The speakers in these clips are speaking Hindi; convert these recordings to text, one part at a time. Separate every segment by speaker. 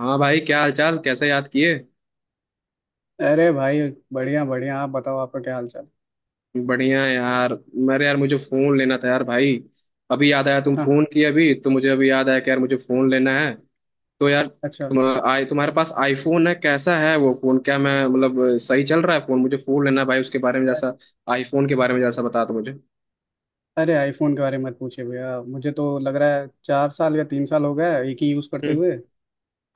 Speaker 1: हाँ भाई, क्या हाल चाल? कैसे याद किए?
Speaker 2: अरे भाई, बढ़िया बढ़िया। आप बताओ, आपका क्या हाल चाल।
Speaker 1: बढ़िया है यार। मेरे यार, मुझे फोन लेना था यार भाई। अभी याद आया, तुम
Speaker 2: हाँ हाँ।
Speaker 1: फोन किए अभी, तो मुझे अभी याद आया कि यार मुझे फोन लेना है। तो यार,
Speaker 2: अच्छा।
Speaker 1: तुम्हारे पास आईफोन है? कैसा है वो फोन? क्या मैं, मतलब, सही चल रहा है फोन? मुझे फोन लेना है भाई, उसके बारे में,
Speaker 2: अ-
Speaker 1: जैसा आईफोन के बारे में, जैसा बता दो मुझे।
Speaker 2: अरे आईफोन के बारे में मत पूछिए भैया। मुझे तो लग रहा है 4 साल या 3 साल हो गया है एक ही यूज़ करते
Speaker 1: हम्म।
Speaker 2: हुए,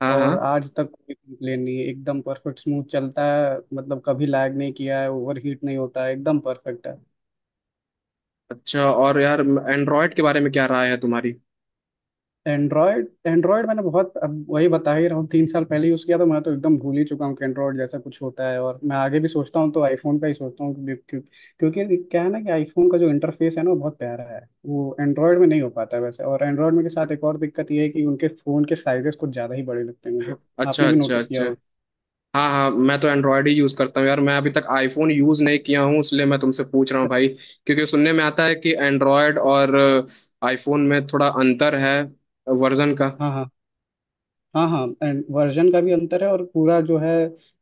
Speaker 1: हाँ हाँ।
Speaker 2: और आज तक कोई कंप्लेन नहीं है। एकदम परफेक्ट स्मूथ चलता है, मतलब कभी लैग नहीं किया है, ओवर हीट नहीं होता है, एकदम परफेक्ट है।
Speaker 1: अच्छा, और यार एंड्रॉयड के बारे में क्या राय है तुम्हारी?
Speaker 2: एंड्रॉयड एंड्रॉयड मैंने बहुत, अब वही बता ही रहा हूँ, 3 साल पहले यूज़ किया था। मैं तो एकदम भूल ही चुका हूँ कि एंड्रॉयड जैसा कुछ होता है। और मैं आगे भी सोचता हूँ तो आईफोन का ही सोचता हूँ। क्यों- क्यों- क्योंकि क्या है ना कि आईफोन का जो इंटरफेस है ना, वो बहुत प्यारा है। वो एंड्रॉयड में नहीं हो पाता है वैसे। और एंड्रॉयड में के साथ एक और दिक्कत ये है कि उनके फ़ोन के साइजेस कुछ ज़्यादा ही बड़े लगते हैं मुझे।
Speaker 1: अच्छा
Speaker 2: आपने भी
Speaker 1: अच्छा
Speaker 2: नोटिस किया
Speaker 1: अच्छा।
Speaker 2: होगा।
Speaker 1: हाँ हाँ, मैं तो एंड्रॉयड ही यूज करता हूँ यार, मैं अभी तक आईफोन यूज नहीं किया हूँ, इसलिए मैं तुमसे पूछ रहा हूँ भाई। क्योंकि सुनने में आता है कि एंड्रॉयड और आईफोन में थोड़ा अंतर है, वर्जन का।
Speaker 2: हाँ हाँ। हाँ हाँ एंड वर्जन का भी अंतर है, और पूरा जो है,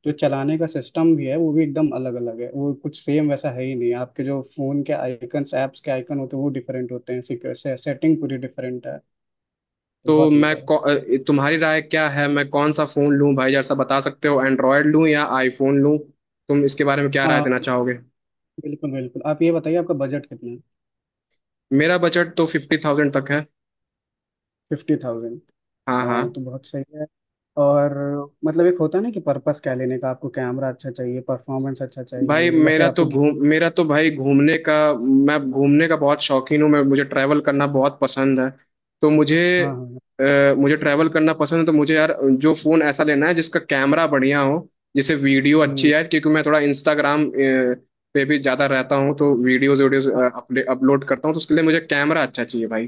Speaker 2: जो चलाने का सिस्टम भी है वो भी एकदम अलग अलग है। वो कुछ सेम वैसा है ही नहीं। आपके जो फोन के आइकन्स, ऐप्स के आइकन होते हैं वो डिफरेंट होते हैं सिक्योर से, सेटिंग पूरी डिफरेंट है। तो
Speaker 1: तो
Speaker 2: बहुत अंतर है।
Speaker 1: तुम्हारी राय क्या है? मैं कौन सा फोन लूँ भाई? जरा सा बता सकते हो, एंड्रॉयड लूँ या आईफोन लूँ? तुम इसके बारे में क्या राय
Speaker 2: आ,
Speaker 1: देना चाहोगे?
Speaker 2: बिल्कुल बिल्कुल। आप ये बताइए, आपका बजट कितना है।
Speaker 1: मेरा बजट तो 50,000 तक है।
Speaker 2: 50,000
Speaker 1: हाँ हाँ।
Speaker 2: तो बहुत सही है। और मतलब एक होता है ना कि पर्पस क्या लेने का। आपको कैमरा अच्छा चाहिए, परफॉर्मेंस अच्छा
Speaker 1: भाई
Speaker 2: चाहिए, या फिर आपको
Speaker 1: मेरा तो भाई घूमने का। मैं घूमने का बहुत शौकीन हूँ। मैं मुझे ट्रैवल करना बहुत पसंद है। तो
Speaker 2: हाँ हाँ हाँ।
Speaker 1: मुझे ट्रैवल करना पसंद है, तो मुझे यार जो फ़ोन ऐसा लेना है जिसका कैमरा बढ़िया हो, जिससे वीडियो
Speaker 2: हम्म,
Speaker 1: अच्छी आए, क्योंकि मैं थोड़ा इंस्टाग्राम पे भी ज़्यादा रहता हूँ, तो वीडियोज़ वीडियोज़
Speaker 2: हाँ,
Speaker 1: अपलोड करता हूँ, तो उसके लिए मुझे कैमरा अच्छा चाहिए भाई।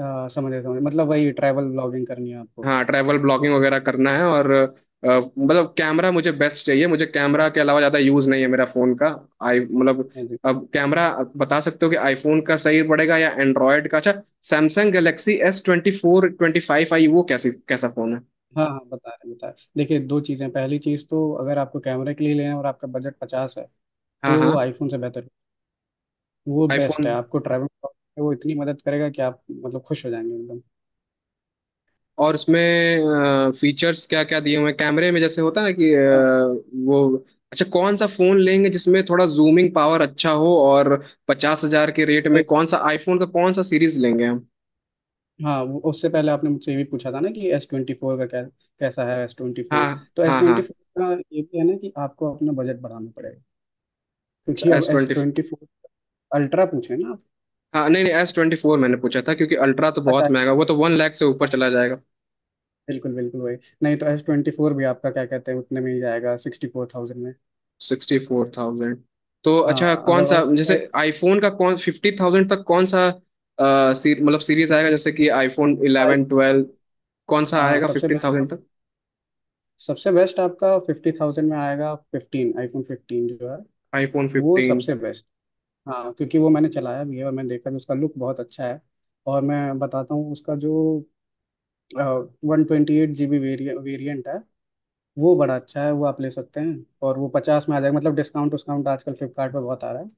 Speaker 2: हाँ, समझ गया समझ गया। मतलब वही ट्रैवल ब्लॉगिंग करनी है आपको।
Speaker 1: हाँ, ट्रैवल ब्लॉगिंग वगैरह करना है और अ, मतलब कैमरा मुझे बेस्ट चाहिए। मुझे कैमरा के अलावा ज़्यादा यूज़ नहीं है मेरा फ़ोन का। आई मतलब, अब कैमरा, बता सकते हो कि आईफोन का सही पड़ेगा या एंड्रॉयड का अच्छा? सैमसंग गैलेक्सी S24 S25, आई वो कैसी कैसा फ़ोन है?
Speaker 2: हाँ हाँ, बता रहे बता रहे। देखिए दो चीज़ें, पहली चीज़ तो अगर आपको कैमरे के लिए लेना है और आपका बजट पचास है,
Speaker 1: हाँ
Speaker 2: तो
Speaker 1: हाँ,
Speaker 2: आईफोन से बेहतर वो बेस्ट
Speaker 1: आईफोन।
Speaker 2: है आपको। ट्रैवल, वो इतनी मदद करेगा कि आप मतलब खुश हो जाएंगे एकदम।
Speaker 1: और उसमें फीचर्स क्या क्या दिए हुए हैं कैमरे में, जैसे होता है ना कि
Speaker 2: हाँ
Speaker 1: वो, अच्छा कौन सा फ़ोन लेंगे जिसमें थोड़ा जूमिंग पावर अच्छा हो? और 50,000 के रेट में
Speaker 2: वही।
Speaker 1: कौन सा आईफोन का कौन सा सीरीज लेंगे हम?
Speaker 2: हाँ वो उससे पहले आपने मुझसे ये भी पूछा था ना कि S24 का क्या, कैसा है एस ट्वेंटी
Speaker 1: हाँ
Speaker 2: फोर तो एस
Speaker 1: हाँ हाँ।
Speaker 2: ट्वेंटी फोर का ये भी है ना कि आपको अपना बजट बढ़ाना पड़ेगा,
Speaker 1: अच्छा,
Speaker 2: क्योंकि अब
Speaker 1: S
Speaker 2: S
Speaker 1: twenty
Speaker 2: twenty four ultra पूछे ना आप?
Speaker 1: हाँ नहीं नहीं, S24 मैंने पूछा था, क्योंकि अल्ट्रा तो
Speaker 2: अच्छा
Speaker 1: बहुत
Speaker 2: एस,
Speaker 1: महंगा, वो तो 1 लाख से
Speaker 2: हाँ,
Speaker 1: ऊपर चला जाएगा।
Speaker 2: बिल्कुल बिल्कुल वही। नहीं तो S24 भी आपका क्या कहते हैं उतने में ही जाएगा, 64,000 में।
Speaker 1: 64,000। तो
Speaker 2: हाँ
Speaker 1: अच्छा, कौन
Speaker 2: अगर
Speaker 1: सा
Speaker 2: और
Speaker 1: जैसे आईफोन का कौन 50,000 तक कौन सा मतलब सीरीज आएगा, जैसे कि आईफोन
Speaker 2: आई-
Speaker 1: इलेवन ट्वेल्व कौन सा आएगा
Speaker 2: सबसे
Speaker 1: फिफ्टीन
Speaker 2: बेस्ट,
Speaker 1: थाउजेंड तक?
Speaker 2: सबसे बेस्ट आपका 50,000 में आएगा 15। iPhone 15 जो है,
Speaker 1: आईफोन
Speaker 2: वो
Speaker 1: फिफ्टीन
Speaker 2: सबसे बेस्ट। हाँ क्योंकि वो मैंने चलाया भी है और मैंने देखा भी, उसका लुक बहुत अच्छा है। और मैं बताता हूँ उसका जो 128 GB वेरियंट है, वो बड़ा अच्छा है, वो आप ले सकते हैं। और वो 50 में आ जाएगा, मतलब डिस्काउंट डिस्काउंट आजकल फ्लिपकार्ट पे बहुत आ रहा है,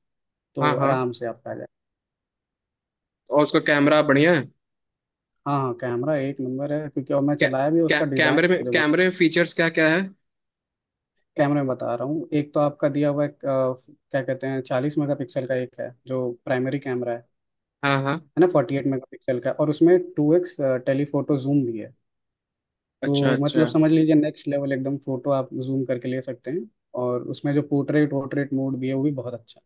Speaker 2: तो
Speaker 1: हाँ हाँ,
Speaker 2: आराम से आपका आ जाएगा।
Speaker 1: और उसका कैमरा बढ़िया है?
Speaker 2: हाँ हाँ कैमरा एक नंबर है, क्योंकि और मैं
Speaker 1: कै,
Speaker 2: चलाया भी
Speaker 1: कै,
Speaker 2: उसका, डिज़ाइन
Speaker 1: कैमरे में
Speaker 2: मुझे बहुत।
Speaker 1: कैमरे में फीचर्स क्या क्या है?
Speaker 2: कैमरे में बता रहा हूँ, एक तो आपका दिया हुआ है क्या कहते हैं 40 मेगापिक्सल का एक है जो प्राइमरी कैमरा है
Speaker 1: हाँ हाँ,
Speaker 2: ना, 48 मेगापिक्सल का। और उसमें 2x टेलीफोटो जूम भी है।
Speaker 1: अच्छा
Speaker 2: तो मतलब
Speaker 1: अच्छा।
Speaker 2: समझ लीजिए नेक्स्ट लेवल, एकदम फोटो आप जूम करके ले सकते हैं। और उसमें जो पोर्ट्रेट वोर्ट्रेट मोड भी है वो भी बहुत अच्छा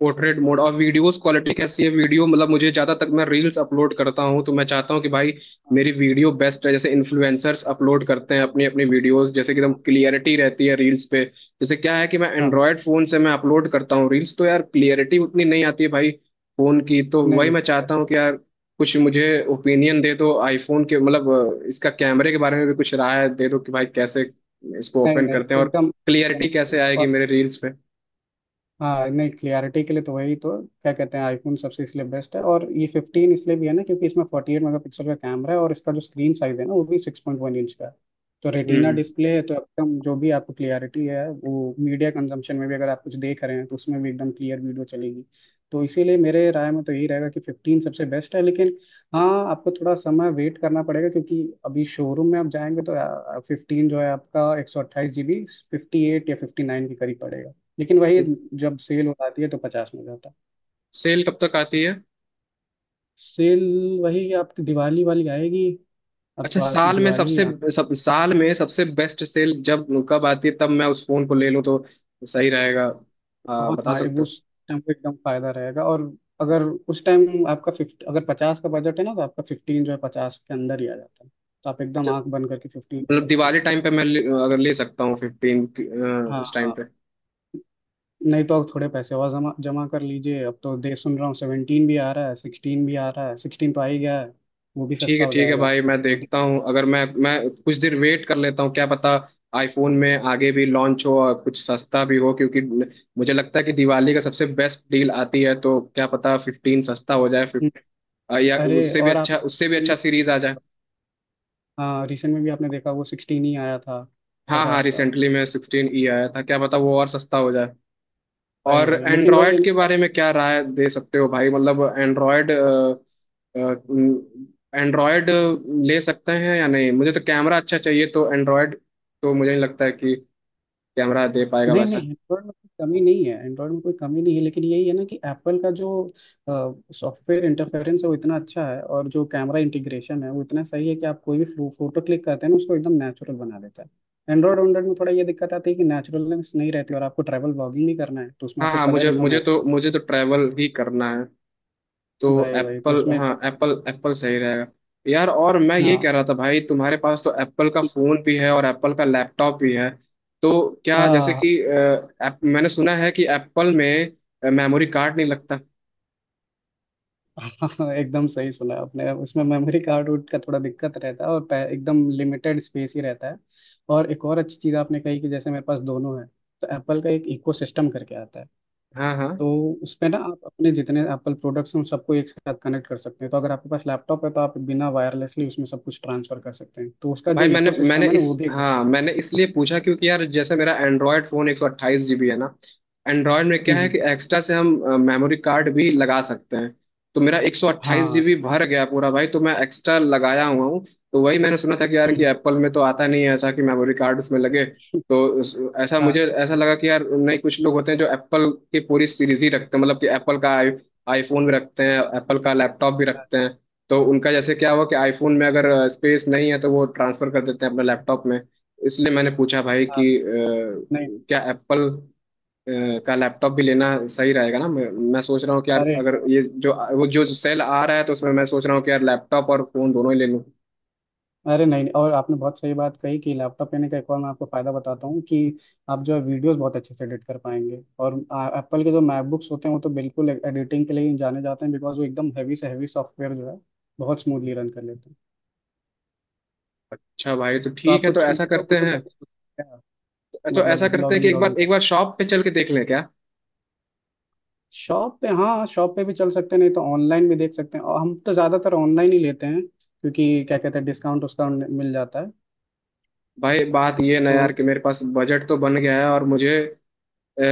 Speaker 1: पोर्ट्रेट मोड और वीडियोस क्वालिटी कैसी है? वीडियो, मतलब, मुझे ज्यादा तक मैं रील्स अपलोड करता हूँ, तो मैं चाहता हूँ कि भाई
Speaker 2: है।
Speaker 1: मेरी वीडियो बेस्ट है, जैसे इन्फ्लुएंसर्स अपलोड करते हैं अपनी अपनी वीडियोस, जैसे कि एकदम
Speaker 2: हाँ
Speaker 1: क्लियरिटी रहती है रील्स पे। जैसे क्या है कि मैं
Speaker 2: हाँ हाँ, हाँ।
Speaker 1: एंड्रॉयड फोन से मैं अपलोड करता हूँ रील्स, तो यार क्लियरिटी उतनी नहीं आती है भाई, फोन की। तो
Speaker 2: नहीं
Speaker 1: वही
Speaker 2: नहीं।
Speaker 1: मैं चाहता हूँ कि यार, कुछ मुझे ओपिनियन दे दो आईफोन के, मतलब इसका कैमरे के बारे में भी कुछ राय दे दो कि भाई कैसे इसको
Speaker 2: नहीं
Speaker 1: ओपन
Speaker 2: नहीं
Speaker 1: करते हैं और
Speaker 2: एकदम एकदम
Speaker 1: क्लियरिटी कैसे
Speaker 2: एकदम।
Speaker 1: आएगी मेरे रील्स पे।
Speaker 2: हाँ नहीं, क्लियरिटी के लिए तो वही तो, क्या कहते हैं, आईफोन सबसे इसलिए बेस्ट है। और ये 15 इसलिए भी है ना, क्योंकि इसमें 48 मेगापिक्सल का कैमरा है, और इसका जो स्क्रीन साइज है ना वो भी 6.1 इंच का है। तो रेटिना
Speaker 1: हम्म।
Speaker 2: डिस्प्ले है, तो एकदम जो भी आपको क्लियरिटी है, वो मीडिया कंजम्पशन में भी अगर आप कुछ देख रहे हैं तो उसमें भी एकदम क्लियर वीडियो चलेगी। तो इसीलिए मेरे राय में तो यही रहेगा कि 15 सबसे बेस्ट है। लेकिन हाँ आपको थोड़ा समय वेट करना पड़ेगा, क्योंकि अभी शोरूम में आप जाएंगे तो 15 जो है आपका 128 GB, 58 या 59 के करीब पड़ेगा। लेकिन वही, जब सेल हो जाती है तो 50 में हो जाता है।
Speaker 1: सेल कब तक आती है?
Speaker 2: सेल वही आपकी दिवाली वाली आएगी। अब
Speaker 1: अच्छा,
Speaker 2: तो आपकी दिवाली आना है।
Speaker 1: साल में सबसे बेस्ट सेल जब कब आती है, तब मैं उस फोन को ले लूँ तो सही रहेगा?
Speaker 2: तो
Speaker 1: हाँ,
Speaker 2: बहुत
Speaker 1: बता
Speaker 2: हाँ, वो
Speaker 1: सकते हो?
Speaker 2: उस टाइम पे एकदम फायदा रहेगा। और अगर उस टाइम आपका फिफ्टी, अगर 50 का बजट है ना, तो आपका 15 जो है 50 के अंदर ही आ जाता है, तो आप एकदम
Speaker 1: च-
Speaker 2: आंख बंद करके 15 दे
Speaker 1: मतलब
Speaker 2: सकते हैं।
Speaker 1: दिवाली टाइम पे अगर ले सकता हूँ फिफ्टीन
Speaker 2: हाँ
Speaker 1: उस टाइम
Speaker 2: हाँ।
Speaker 1: पे?
Speaker 2: नहीं तो आप थोड़े पैसे और जमा जमा कर लीजिए। अब तो दे सुन रहा हूँ 17 भी आ रहा है, 16 भी आ रहा है, सिक्सटीन तो आ ही गया है, वो भी सस्ता हो
Speaker 1: ठीक है
Speaker 2: जाएगा
Speaker 1: भाई, मैं
Speaker 2: तो
Speaker 1: देखता
Speaker 2: दिवाली।
Speaker 1: हूँ, अगर मैं कुछ देर वेट कर लेता हूँ, क्या पता आईफोन में आगे भी लॉन्च हो और कुछ सस्ता भी हो, क्योंकि मुझे लगता है कि दिवाली का सबसे बेस्ट डील आती है, तो क्या पता 15 सस्ता हो जाए
Speaker 2: हम्म,
Speaker 1: 15, या
Speaker 2: अरे
Speaker 1: उससे भी
Speaker 2: और आप,
Speaker 1: अच्छा, उससे भी अच्छा सीरीज आ जाए।
Speaker 2: हाँ रिसेंट में भी आपने देखा वो 16 ही आया था।
Speaker 1: हाँ हाँ,
Speaker 2: पचास का,
Speaker 1: रिसेंटली में 16 ई आया था, क्या पता वो और सस्ता हो जाए।
Speaker 2: वही
Speaker 1: और
Speaker 2: वही, लेकिन वही है
Speaker 1: एंड्रॉयड के
Speaker 2: ना।
Speaker 1: बारे में क्या राय दे सकते हो भाई? मतलब एंड्रॉयड एंड्रॉयड ले सकते हैं या नहीं? मुझे तो कैमरा अच्छा चाहिए, तो एंड्रॉयड तो मुझे नहीं लगता है कि कैमरा दे पाएगा
Speaker 2: नहीं नहीं,
Speaker 1: वैसा।
Speaker 2: एंड्रॉयड में कोई कमी नहीं है, एंड्रॉयड में कोई कमी नहीं है। लेकिन यही है ना कि एप्पल का जो सॉफ्टवेयर इंटरफेरेंस है वो इतना अच्छा है, और जो कैमरा इंटीग्रेशन है वो इतना सही है कि आप कोई भी फोटो क्लिक करते हैं ना, उसको एकदम नेचुरल बना देता है। एंड्रॉयड एंड्रॉयड में थोड़ा ये दिक्कत आती है कि नेचुरलनेस नहीं रहती। और आपको ट्रैवल ब्लॉगिंग नहीं करना है तो उसमें
Speaker 1: हाँ
Speaker 2: आपको
Speaker 1: हाँ,
Speaker 2: कलर
Speaker 1: मुझे
Speaker 2: एकदम नेचुरल,
Speaker 1: मुझे तो ट्रैवल ही करना है, तो
Speaker 2: वही वही तो
Speaker 1: एप्पल।
Speaker 2: उसमें
Speaker 1: हाँ,
Speaker 2: एकदम।
Speaker 1: एप्पल एप्पल सही रहेगा। यार, और मैं ये
Speaker 2: हाँ
Speaker 1: कह रहा था भाई, तुम्हारे पास तो एप्पल का फोन भी है और एप्पल का लैपटॉप भी है, तो क्या, जैसे
Speaker 2: हाँ।
Speaker 1: कि मैंने सुना है कि एप्पल में मेमोरी कार्ड नहीं लगता?
Speaker 2: हाँ एकदम सही सुना आपने। उसमें मेमोरी कार्ड उड का थोड़ा दिक्कत रहता है, और एकदम लिमिटेड स्पेस ही रहता है। और एक और अच्छी चीज़ आपने कही कि जैसे मेरे पास दोनों है, तो एप्पल का एक इको सिस्टम करके आता है।
Speaker 1: हाँ हाँ
Speaker 2: तो उसमें ना आप अपने जितने एप्पल प्रोडक्ट्स हैं उन सबको एक साथ कनेक्ट कर सकते हैं। तो अगर आपके पास लैपटॉप है तो आप बिना वायरलेसली उसमें सब कुछ ट्रांसफर कर सकते हैं। तो उसका जो
Speaker 1: भाई, मैंने
Speaker 2: इको
Speaker 1: मैंने
Speaker 2: सिस्टम है ना
Speaker 1: इस
Speaker 2: वो भी एक
Speaker 1: हाँ मैंने इसलिए पूछा, क्योंकि यार जैसे मेरा एंड्रॉयड फ़ोन 128 जीबी है ना। एंड्रॉयड में
Speaker 2: हम्म
Speaker 1: क्या है
Speaker 2: हम्म,
Speaker 1: कि एक्स्ट्रा से हम मेमोरी कार्ड भी लगा सकते हैं। तो मेरा एक सौ अट्ठाईस
Speaker 2: हाँ।
Speaker 1: जीबी भर गया पूरा भाई, तो मैं एक्स्ट्रा लगाया हुआ हूँ। तो वही मैंने सुना था कि यार, कि
Speaker 2: हम्म,
Speaker 1: एप्पल में तो आता नहीं है ऐसा कि मेमोरी कार्ड उसमें लगे, तो ऐसा
Speaker 2: हाँ
Speaker 1: मुझे ऐसा लगा कि यार, नहीं, कुछ लोग होते हैं जो एप्पल की पूरी सीरीज ही रखते हैं, मतलब कि एप्पल का आई आईफोन भी रखते हैं, एप्पल का लैपटॉप भी
Speaker 2: हाँ
Speaker 1: रखते हैं। तो उनका जैसे क्या हुआ कि आईफोन में अगर स्पेस नहीं है तो वो ट्रांसफर कर देते हैं अपने लैपटॉप में। इसलिए मैंने पूछा भाई
Speaker 2: हाँ,
Speaker 1: कि
Speaker 2: नहीं।
Speaker 1: क्या एप्पल का लैपटॉप भी लेना सही रहेगा ना। मैं सोच रहा हूँ कि यार,
Speaker 2: अरे
Speaker 1: अगर
Speaker 2: एकदम।
Speaker 1: ये जो वो जो सेल आ रहा है, तो उसमें मैं सोच रहा हूँ कि यार लैपटॉप और फोन दोनों ही ले लूँ।
Speaker 2: अरे नहीं, और आपने बहुत सही बात कही कि लैपटॉप लेने का एक और मैं आपको फ़ायदा बताता हूँ कि आप जो है वीडियोस बहुत अच्छे से एडिट कर पाएंगे। और एप्पल के जो मैकबुक्स होते हैं वो तो बिल्कुल एडिटिंग के लिए ही जाने जाते हैं, बिकॉज वो एकदम हैवी से हैवी सॉफ्टवेयर जो है बहुत स्मूथली रन कर लेते हैं।
Speaker 1: अच्छा भाई तो
Speaker 2: तो आप
Speaker 1: ठीक है, तो
Speaker 2: कुछ यूट्यूब वूट्यूब का भी सोच सकते हैं,
Speaker 1: ऐसा
Speaker 2: मतलब
Speaker 1: करते हैं
Speaker 2: ब्लॉगिंग
Speaker 1: कि
Speaker 2: व्लॉगिंग का।
Speaker 1: एक बार शॉप पे चल के देख लें क्या?
Speaker 2: शॉप पे, हाँ शॉप पे भी चल सकते हैं, नहीं तो ऑनलाइन भी देख सकते हैं। और हम तो ज़्यादातर ऑनलाइन ही लेते हैं क्योंकि क्या कहते हैं डिस्काउंट उस्काउंट मिल जाता है।
Speaker 1: भाई बात ये ना
Speaker 2: तो
Speaker 1: यार, कि मेरे पास बजट तो बन गया है और अ,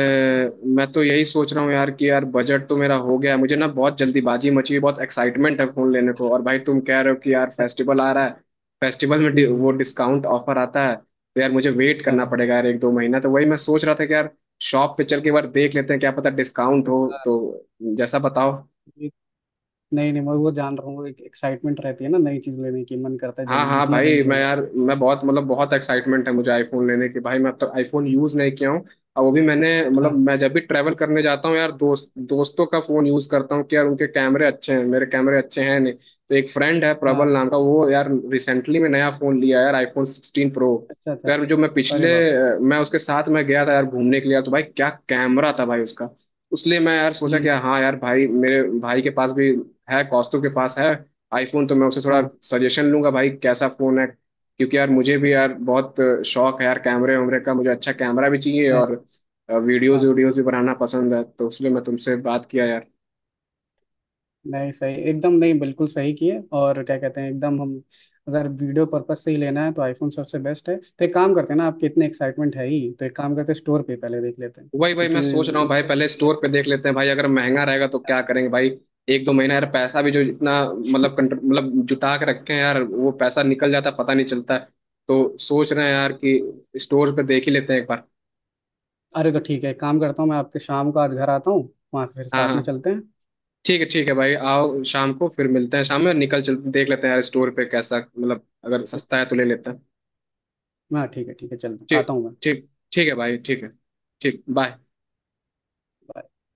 Speaker 1: मैं तो यही सोच रहा हूँ यार, कि यार बजट तो मेरा हो गया है, मुझे ना बहुत जल्दीबाजी मची है, बहुत एक्साइटमेंट है फोन लेने को, और भाई तुम कह रहे हो कि यार फेस्टिवल आ रहा है, फेस्टिवल में
Speaker 2: हम्म, हम्म,
Speaker 1: वो डिस्काउंट ऑफर आता है, तो यार मुझे वेट करना
Speaker 2: हाँ,
Speaker 1: पड़ेगा यार एक दो महीना। तो वही मैं सोच रहा था कि यार शॉप पे चल के एक बार देख लेते हैं, क्या पता डिस्काउंट हो तो,
Speaker 2: हाँ।
Speaker 1: जैसा बताओ।
Speaker 2: नहीं नहीं, मैं वो जान रहा हूँ, एक एक्साइटमेंट रहती है ना नई चीज लेने की, मन करता है
Speaker 1: हाँ
Speaker 2: जल्दी
Speaker 1: हाँ
Speaker 2: जितना
Speaker 1: भाई,
Speaker 2: जल्दी हो जाए।
Speaker 1: मैं बहुत, मतलब बहुत एक्साइटमेंट है मुझे आईफोन लेने की भाई, मैं अब तक आईफोन यूज़ नहीं किया हूँ। और वो भी मैंने, मतलब
Speaker 2: हाँ
Speaker 1: मैं जब भी ट्रैवल करने जाता हूँ यार, दोस्तों का फ़ोन यूज़ करता हूँ कि यार उनके कैमरे अच्छे हैं, मेरे कैमरे अच्छे हैं नहीं। तो एक फ्रेंड है
Speaker 2: हाँ।
Speaker 1: प्रबल नाम का, वो यार रिसेंटली में नया फ़ोन लिया यार, iPhone 16 Pro।
Speaker 2: अच्छा
Speaker 1: तो
Speaker 2: अच्छा।
Speaker 1: यार जो
Speaker 2: अरे बाप।
Speaker 1: मैं उसके साथ मैं गया था यार घूमने के लिए, तो भाई क्या कैमरा था भाई उसका। उसलिए मैं यार सोचा कि
Speaker 2: हम्म
Speaker 1: हाँ यार भाई, मेरे भाई के पास भी है, कौस्तुभ के पास है आईफोन, तो मैं उससे
Speaker 2: हाँ
Speaker 1: थोड़ा
Speaker 2: हाँ।
Speaker 1: सजेशन लूंगा भाई, कैसा फोन है, क्योंकि यार मुझे भी यार बहुत शौक है यार कैमरे वैमरे का, मुझे अच्छा कैमरा भी चाहिए
Speaker 2: नहीं
Speaker 1: और वीडियोस
Speaker 2: हाँ,
Speaker 1: वीडियोस भी बनाना पसंद है, तो इसलिए मैं तुमसे बात किया यार।
Speaker 2: नहीं सही एकदम, नहीं बिल्कुल सही किए। और क्या कहते हैं एकदम हम अगर वीडियो पर्पज से ही लेना है तो आईफोन सबसे बेस्ट है। तो एक काम करते हैं ना, आपके इतने एक्साइटमेंट है ही, तो एक काम करते हैं स्टोर पे पहले देख लेते हैं,
Speaker 1: वही वही मैं
Speaker 2: क्योंकि
Speaker 1: सोच रहा हूँ भाई, पहले स्टोर पे देख लेते हैं भाई, अगर महंगा रहेगा तो क्या करेंगे भाई, एक दो महीना यार, पैसा भी जो इतना, मतलब जुटा के रखे हैं यार, वो पैसा निकल जाता है, पता नहीं चलता है। तो सोच रहे हैं यार कि स्टोर पे देख ही लेते हैं एक बार।
Speaker 2: अरे तो ठीक है, एक काम करता हूँ मैं आपके शाम को आज घर आता हूँ, वहाँ फिर
Speaker 1: हाँ
Speaker 2: साथ में
Speaker 1: हाँ।
Speaker 2: चलते हैं।
Speaker 1: ठीक है भाई, आओ शाम को फिर मिलते हैं, शाम में निकल चल, देख लेते हैं यार स्टोर पे कैसा, मतलब अगर सस्ता है तो ले लेते हैं।
Speaker 2: हाँ ठीक है ठीक है, चल
Speaker 1: ठीक
Speaker 2: आता हूँ मैं।
Speaker 1: ठीक ठीक है भाई, ठीक है, ठीक, बाय।